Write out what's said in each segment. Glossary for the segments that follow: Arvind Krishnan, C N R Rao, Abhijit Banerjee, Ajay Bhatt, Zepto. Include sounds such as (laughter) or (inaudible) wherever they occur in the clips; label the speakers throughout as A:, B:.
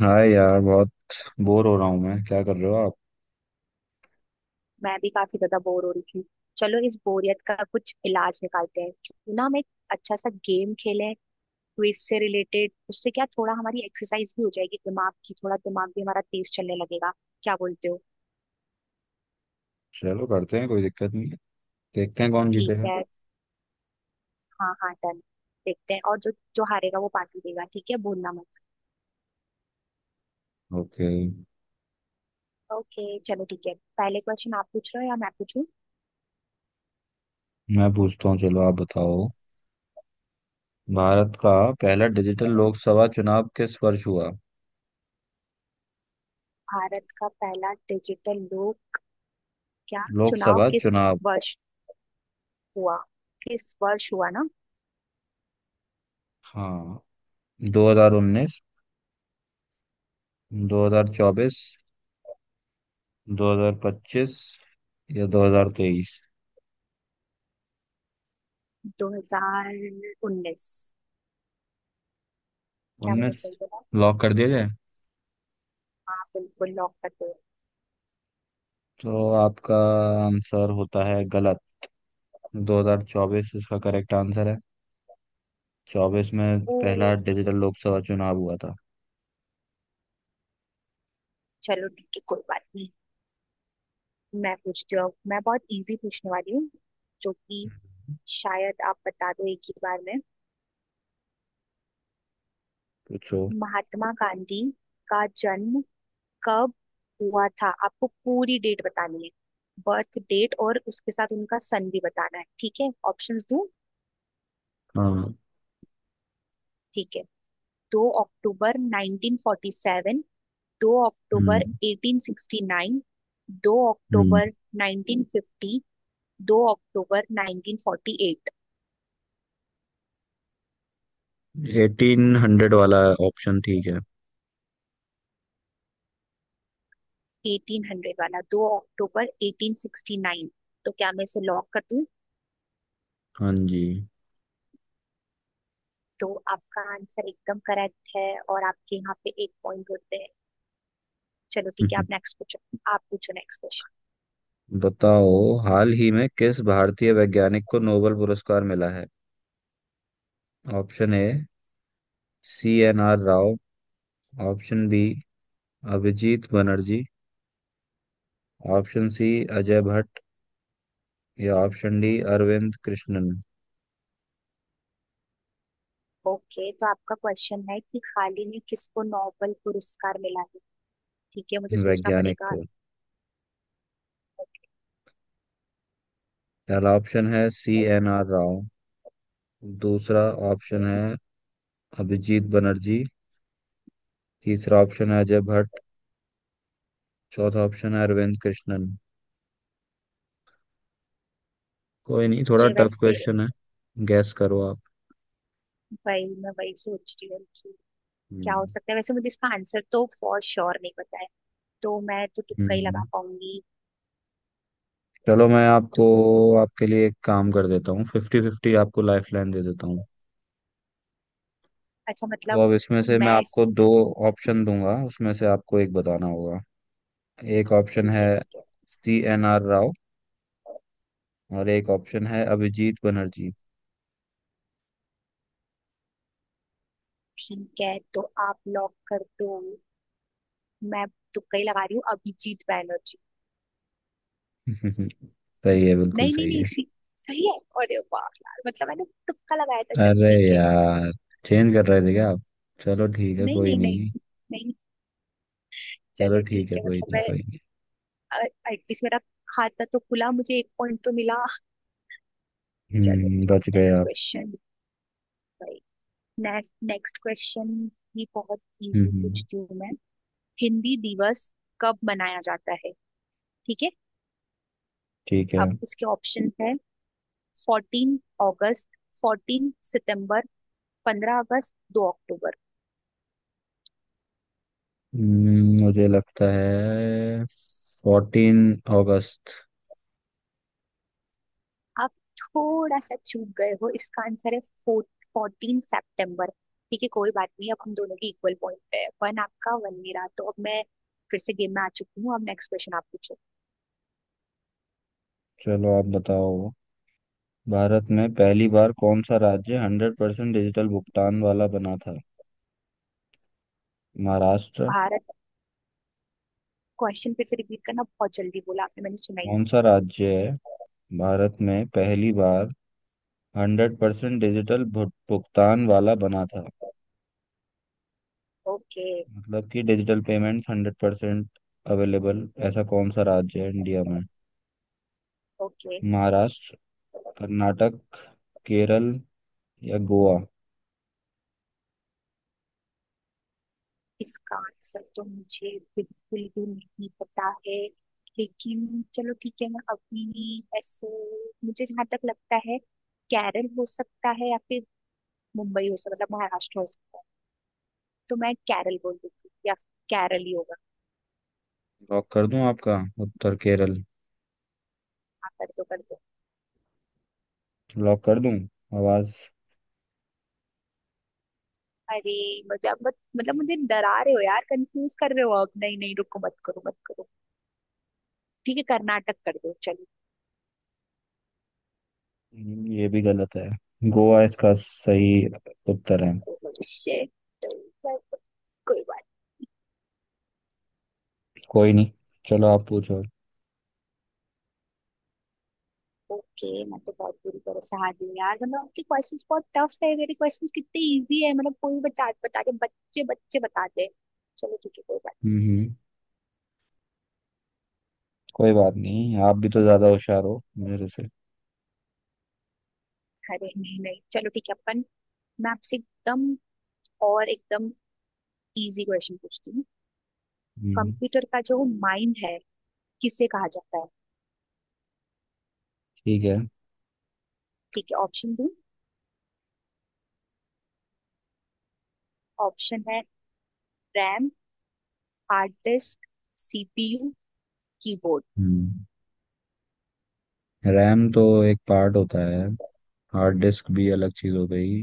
A: हाँ यार, बहुत बोर हो रहा हूँ मैं। क्या कर रहे हो आप?
B: मैं भी काफी ज्यादा बोर हो रही थी। चलो, इस बोरियत का कुछ इलाज निकालते हैं। क्यों ना हम एक अच्छा सा गेम खेलें, क्विज से रिलेटेड। उससे क्या, थोड़ा हमारी एक्सरसाइज भी हो जाएगी दिमाग की, थोड़ा दिमाग भी हमारा तेज चलने लगेगा। क्या बोलते हो?
A: चलो करते हैं, कोई दिक्कत नहीं है। देखते हैं कौन
B: ठीक
A: जीतेगा।
B: है। हाँ हाँ, डन। देखते हैं। और जो जो हारेगा वो पार्टी देगा। ठीक है, भूलना मत।
A: ओके,
B: ओके, चलो ठीक है। पहले क्वेश्चन आप पूछ रहे हो या मैं पूछूं?
A: मैं पूछता हूँ, चलो आप बताओ। भारत का पहला डिजिटल लोकसभा चुनाव किस वर्ष हुआ?
B: भारत का पहला डिजिटल लोक, क्या, चुनाव
A: लोकसभा
B: किस
A: चुनाव,
B: वर्ष हुआ, किस वर्ष हुआ ना?
A: हाँ। 2019, 2024, 2025 या 2023।
B: 2019। क्या मैंने
A: उन्नीस
B: सही बोला?
A: लॉक कर दिया जाए?
B: हाँ, बिल्कुल लॉक कर दो।
A: तो आपका आंसर होता है गलत। 2024 इसका करेक्ट आंसर है। चौबीस में
B: ओ,
A: पहला डिजिटल लोकसभा चुनाव हुआ था।
B: चलो ठीक है, कोई बात नहीं। मैं पूछती हूँ अब। मैं बहुत इजी पूछने वाली हूँ, जो कि शायद आप बता दो एक ही बार में।
A: पूछो।
B: महात्मा गांधी का जन्म कब हुआ था? आपको पूरी डेट बतानी है, बर्थ डेट, और उसके साथ उनका सन भी बताना है। ठीक है? ऑप्शंस दूं?
A: हाँ।
B: ठीक है। दो अक्टूबर 1947, दो अक्टूबर
A: हम्म,
B: 1869, दो
A: हम्म,
B: अक्टूबर 1950, दो अक्टूबर 1948,
A: 1800 वाला ऑप्शन ठीक है।
B: 1800 वाला दो अक्टूबर 1869। तो क्या मैं इसे लॉक कर दूं?
A: हाँ जी।
B: तो आपका आंसर एकदम करेक्ट है, और आपके यहाँ पे एक पॉइंट होते हैं। चलो ठीक है, आप
A: (laughs)
B: नेक्स्ट पूछो। आप पूछो नेक्स्ट क्वेश्चन।
A: बताओ। हाल ही में किस भारतीय वैज्ञानिक को नोबेल पुरस्कार मिला है? Option A, C N R Rao. Option B, Abhijit Banerjee. Option C, Ajay Bhatt. या option D, Arvind Krishnan.
B: Okay, तो आपका क्वेश्चन है कि हाल ही में किसको नोबेल पुरस्कार मिला है। ठीक है, मुझे सोचना
A: वैज्ञानिक
B: पड़ेगा।
A: को पहला ऑप्शन है सी एन आर राव। दूसरा
B: ओके।
A: ऑप्शन है अभिजीत बनर्जी। तीसरा ऑप्शन है अजय भट्ट। चौथा ऑप्शन है अरविंद कृष्णन। कोई नहीं, थोड़ा
B: मुझे
A: टफ
B: वैसे,
A: क्वेश्चन है। गैस करो आप।
B: वही मैं वही सोच रही हूँ कि क्या हो
A: हम्म,
B: सकता है। वैसे मुझे इसका आंसर तो फॉर श्योर नहीं पता है, तो मैं तो तुक्का ही लगा
A: हम्म।
B: पाऊंगी।
A: चलो मैं
B: तो
A: आपको आपके लिए एक काम कर देता हूँ। फिफ्टी फिफ्टी आपको लाइफ लाइन दे देता हूँ।
B: अच्छा,
A: तो
B: मतलब
A: अब इसमें से मैं
B: मैं
A: आपको
B: इस-
A: दो ऑप्शन दूंगा, उसमें से आपको एक बताना होगा। एक ऑप्शन
B: ठीक
A: है
B: है ठीक है।
A: सी एन आर राव और एक ऑप्शन है अभिजीत बनर्जी।
B: ठीक है, तो आप लॉक कर दो। मैं तुक्का ही लगा रही हूँ, अभिजीत बैनर्जी।
A: (laughs) सही है, बिल्कुल
B: नहीं नहीं
A: सही
B: नहीं,
A: है।
B: इसी। सही है। अरे वाह यार, मतलब मैंने तुक्का लगाया था, चलो
A: अरे
B: ठीक है।
A: यार, चेंज कर रहे थे क्या आप? चलो ठीक है,
B: नहीं
A: कोई
B: नहीं नहीं
A: नहीं।
B: नहीं,
A: चलो
B: चलो ठीक
A: ठीक है,
B: है,
A: कोई
B: मतलब
A: नहीं,
B: मैं
A: कोई नहीं।
B: एटलीस्ट, मेरा खाता तो खुला, मुझे एक पॉइंट तो मिला। चलो,
A: हम्म,
B: अब
A: बच गए
B: नेक्स्ट
A: आप।
B: क्वेश्चन। नेक्स्ट नेक्स्ट क्वेश्चन भी बहुत
A: हम्म,
B: इजी पूछती हूँ मैं। हिंदी दिवस कब मनाया जाता है? ठीक है।
A: ठीक है।
B: अब इसके ऑप्शन है: 14 अगस्त, 14 सितंबर, 15 अगस्त, दो अक्टूबर।
A: मुझे लगता है 14 अगस्त।
B: आप थोड़ा सा चूक गए हो, इसका आंसर है 14 सितंबर। ठीक है, कोई बात नहीं। अब हम दोनों के इक्वल पॉइंट पे है, वन आपका वन मेरा। तो अब मैं फिर से गेम में आ चुकी हूँ। अब नेक्स्ट क्वेश्चन आप पूछो।
A: चलो आप बताओ। भारत में पहली बार कौन सा राज्य 100% डिजिटल भुगतान वाला बना था? महाराष्ट्र?
B: भारत। क्वेश्चन फिर से रिपीट करना, बहुत जल्दी बोला आपने, मैंने सुना ही।
A: कौन सा राज्य है? भारत में पहली बार हंड्रेड परसेंट डिजिटल भुगतान वाला बना था।
B: ओके।
A: मतलब कि digital payments hundred percent available, ऐसा कौन सा राज्य है इंडिया में?
B: ओके।
A: महाराष्ट्र, कर्नाटक, केरल या गोवा।
B: इसका आंसर तो मुझे बिल्कुल भी नहीं पता है, लेकिन चलो ठीक है, मैं अपनी ऐसे, मुझे जहां तक लगता है केरल हो सकता है, या फिर मुंबई हो सकता, मतलब महाराष्ट्र हो सकता है। तो मैं केरल बोल देती हूँ, या केरल ही होगा।
A: लॉक कर दूं आपका उत्तर केरल?
B: हाँ, कर दो कर दो।
A: लॉक कर दूं? आवाज।
B: अरे, मतलब मतलब मुझे डरा रहे हो यार, कंफ्यूज कर रहे हो। अब नहीं नहीं, रुको, मत करो मत करो। ठीक है, कर्नाटक कर दो चलो।
A: ये भी गलत है। गोवा इसका सही उत्तर है।
B: Oh shit, कोई बात।
A: कोई नहीं, चलो आप पूछो।
B: ओके, मैं तो बहुत बुरी तरह से हार गई यार, मतलब आपके क्वेश्चंस बहुत टफ है, मेरे क्वेश्चंस कितने इजी है। मतलब कोई बच्चा बता के बच्चे बच्चे बताते हैं। चलो ठीक है, कोई बात
A: हम्म, कोई बात नहीं। आप भी तो ज्यादा होशियार हो मेरे से।
B: नहीं। अरे नहीं नहीं, चलो ठीक है, अपन। मैं आपसे एकदम और एकदम इजी क्वेश्चन पूछती हूँ।
A: हम्म।
B: कंप्यूटर का जो माइंड है किसे कहा जाता है?
A: ठीक है।
B: ठीक है, ऑप्शन दो। ऑप्शन है: RAM, hard disk, CPU, keyboard.
A: हम्म। रैम तो एक पार्ट होता है। हार्ड डिस्क भी अलग चीज हो गई।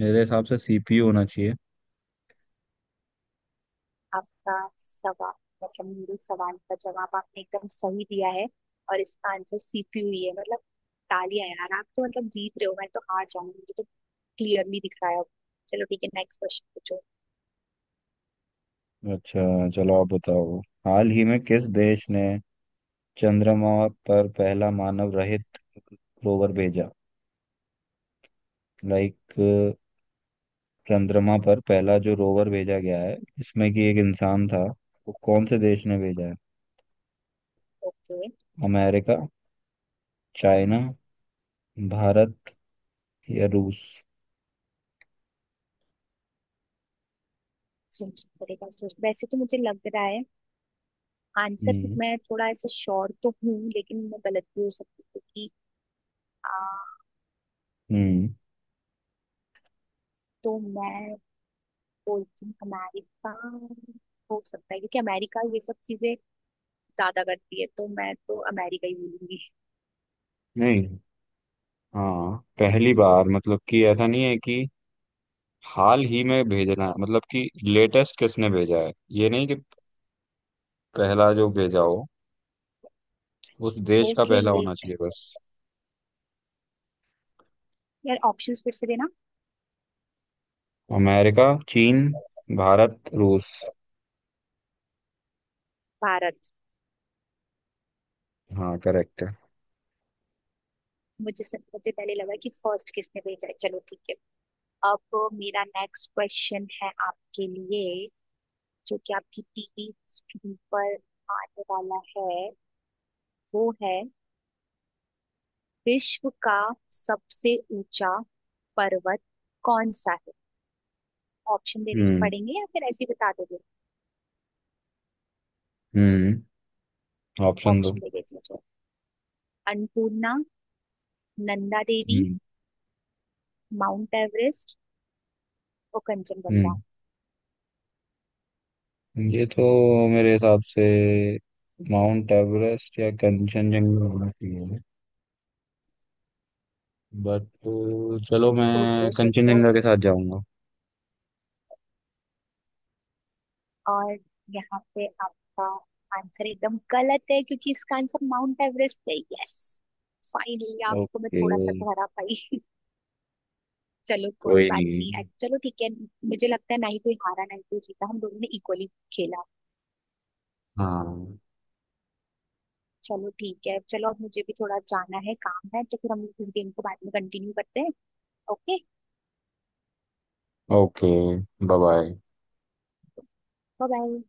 A: मेरे हिसाब से सीपीयू होना चाहिए।
B: आपका सवाल मतलब मेरे सवाल का जवाब आपने एकदम सही दिया है, और इसका आंसर सीपीयू ही है। मतलब तालियां यार, आप तो मतलब जीत रहे हो, मैं तो हार जाऊंगी, मुझे तो क्लियरली दिख रहा है अब। चलो ठीक है, नेक्स्ट क्वेश्चन पूछो।
A: अच्छा, चलो आप बताओ। हाल ही में किस देश ने चंद्रमा पर पहला मानव रहित रोवर भेजा? लाइक, चंद्रमा पर पहला जो रोवर भेजा गया है इसमें कि एक इंसान था, वो कौन से देश ने भेजा है?
B: ओके।
A: अमेरिका, चाइना, भारत या रूस?
B: सोचना पड़ेगा। सोच वैसे तो मुझे लग रहा है आंसर,
A: हम्म,
B: मैं थोड़ा ऐसे श्योर तो हूँ, लेकिन मैं गलत भी हो सकती हूँ, क्योंकि आ,
A: हम्म,
B: तो मैं बोलती हूँ अमेरिका हो सकता है, क्योंकि अमेरिका ये सब चीजें ज्यादा करती है, तो मैं तो अमेरिका ही बोलूंगी।
A: नहीं। हाँ, पहली बार मतलब कि ऐसा नहीं है कि हाल ही में भेजना है। मतलब कि लेटेस्ट किसने भेजा है ये नहीं, कि पहला जो भेजा हो उस देश का
B: ओके,
A: पहला
B: लेक
A: होना चाहिए
B: बैंक
A: बस।
B: यार, ऑप्शंस फिर से देना।
A: अमेरिका, चीन, भारत, रूस।
B: भारत।
A: हाँ, करेक्ट है।
B: मुझे पहले लगा कि फर्स्ट किसने भेजा है। चलो ठीक है। अब मेरा नेक्स्ट क्वेश्चन है आपके लिए, जो कि आपकी टीवी स्क्रीन पर आने वाला है। वो है: विश्व का सबसे ऊंचा पर्वत कौन सा है? ऑप्शन देने
A: हम्म,
B: पड़ेंगे या फिर ऐसे ही बता दोगे?
A: हम्म, ऑप्शन दो।
B: ऑप्शन दे देती हूँ चलो। अन्नपूर्णा, नंदा देवी,
A: हम्म,
B: माउंट एवरेस्ट, और कंचनजंगा।
A: हम्म, ये तो मेरे हिसाब से माउंट एवरेस्ट या कंचनजंगा होना चाहिए। बट चलो
B: सोच लो
A: मैं
B: सोच लो।
A: कंचनजंगा के साथ जाऊंगा।
B: और यहाँ पे आपका आंसर एकदम गलत है क्योंकि इसका आंसर माउंट एवरेस्ट है। यस, फाइनली आपको मैं
A: ओके।
B: थोड़ा सा तो हरा पाई। (laughs) चलो कोई
A: कोई
B: बात
A: नहीं।
B: नहीं। चलो ठीक है। मुझे लगता है ना ही कोई हारा ना ही कोई जीता, हम दोनों ने इक्वली खेला।
A: हाँ।
B: चलो ठीक है, चलो अब मुझे भी थोड़ा जाना है, काम है, तो फिर हम इस गेम को बाद में कंटिन्यू करते हैं। Okay,
A: okay, bye bye.
B: Bye bye.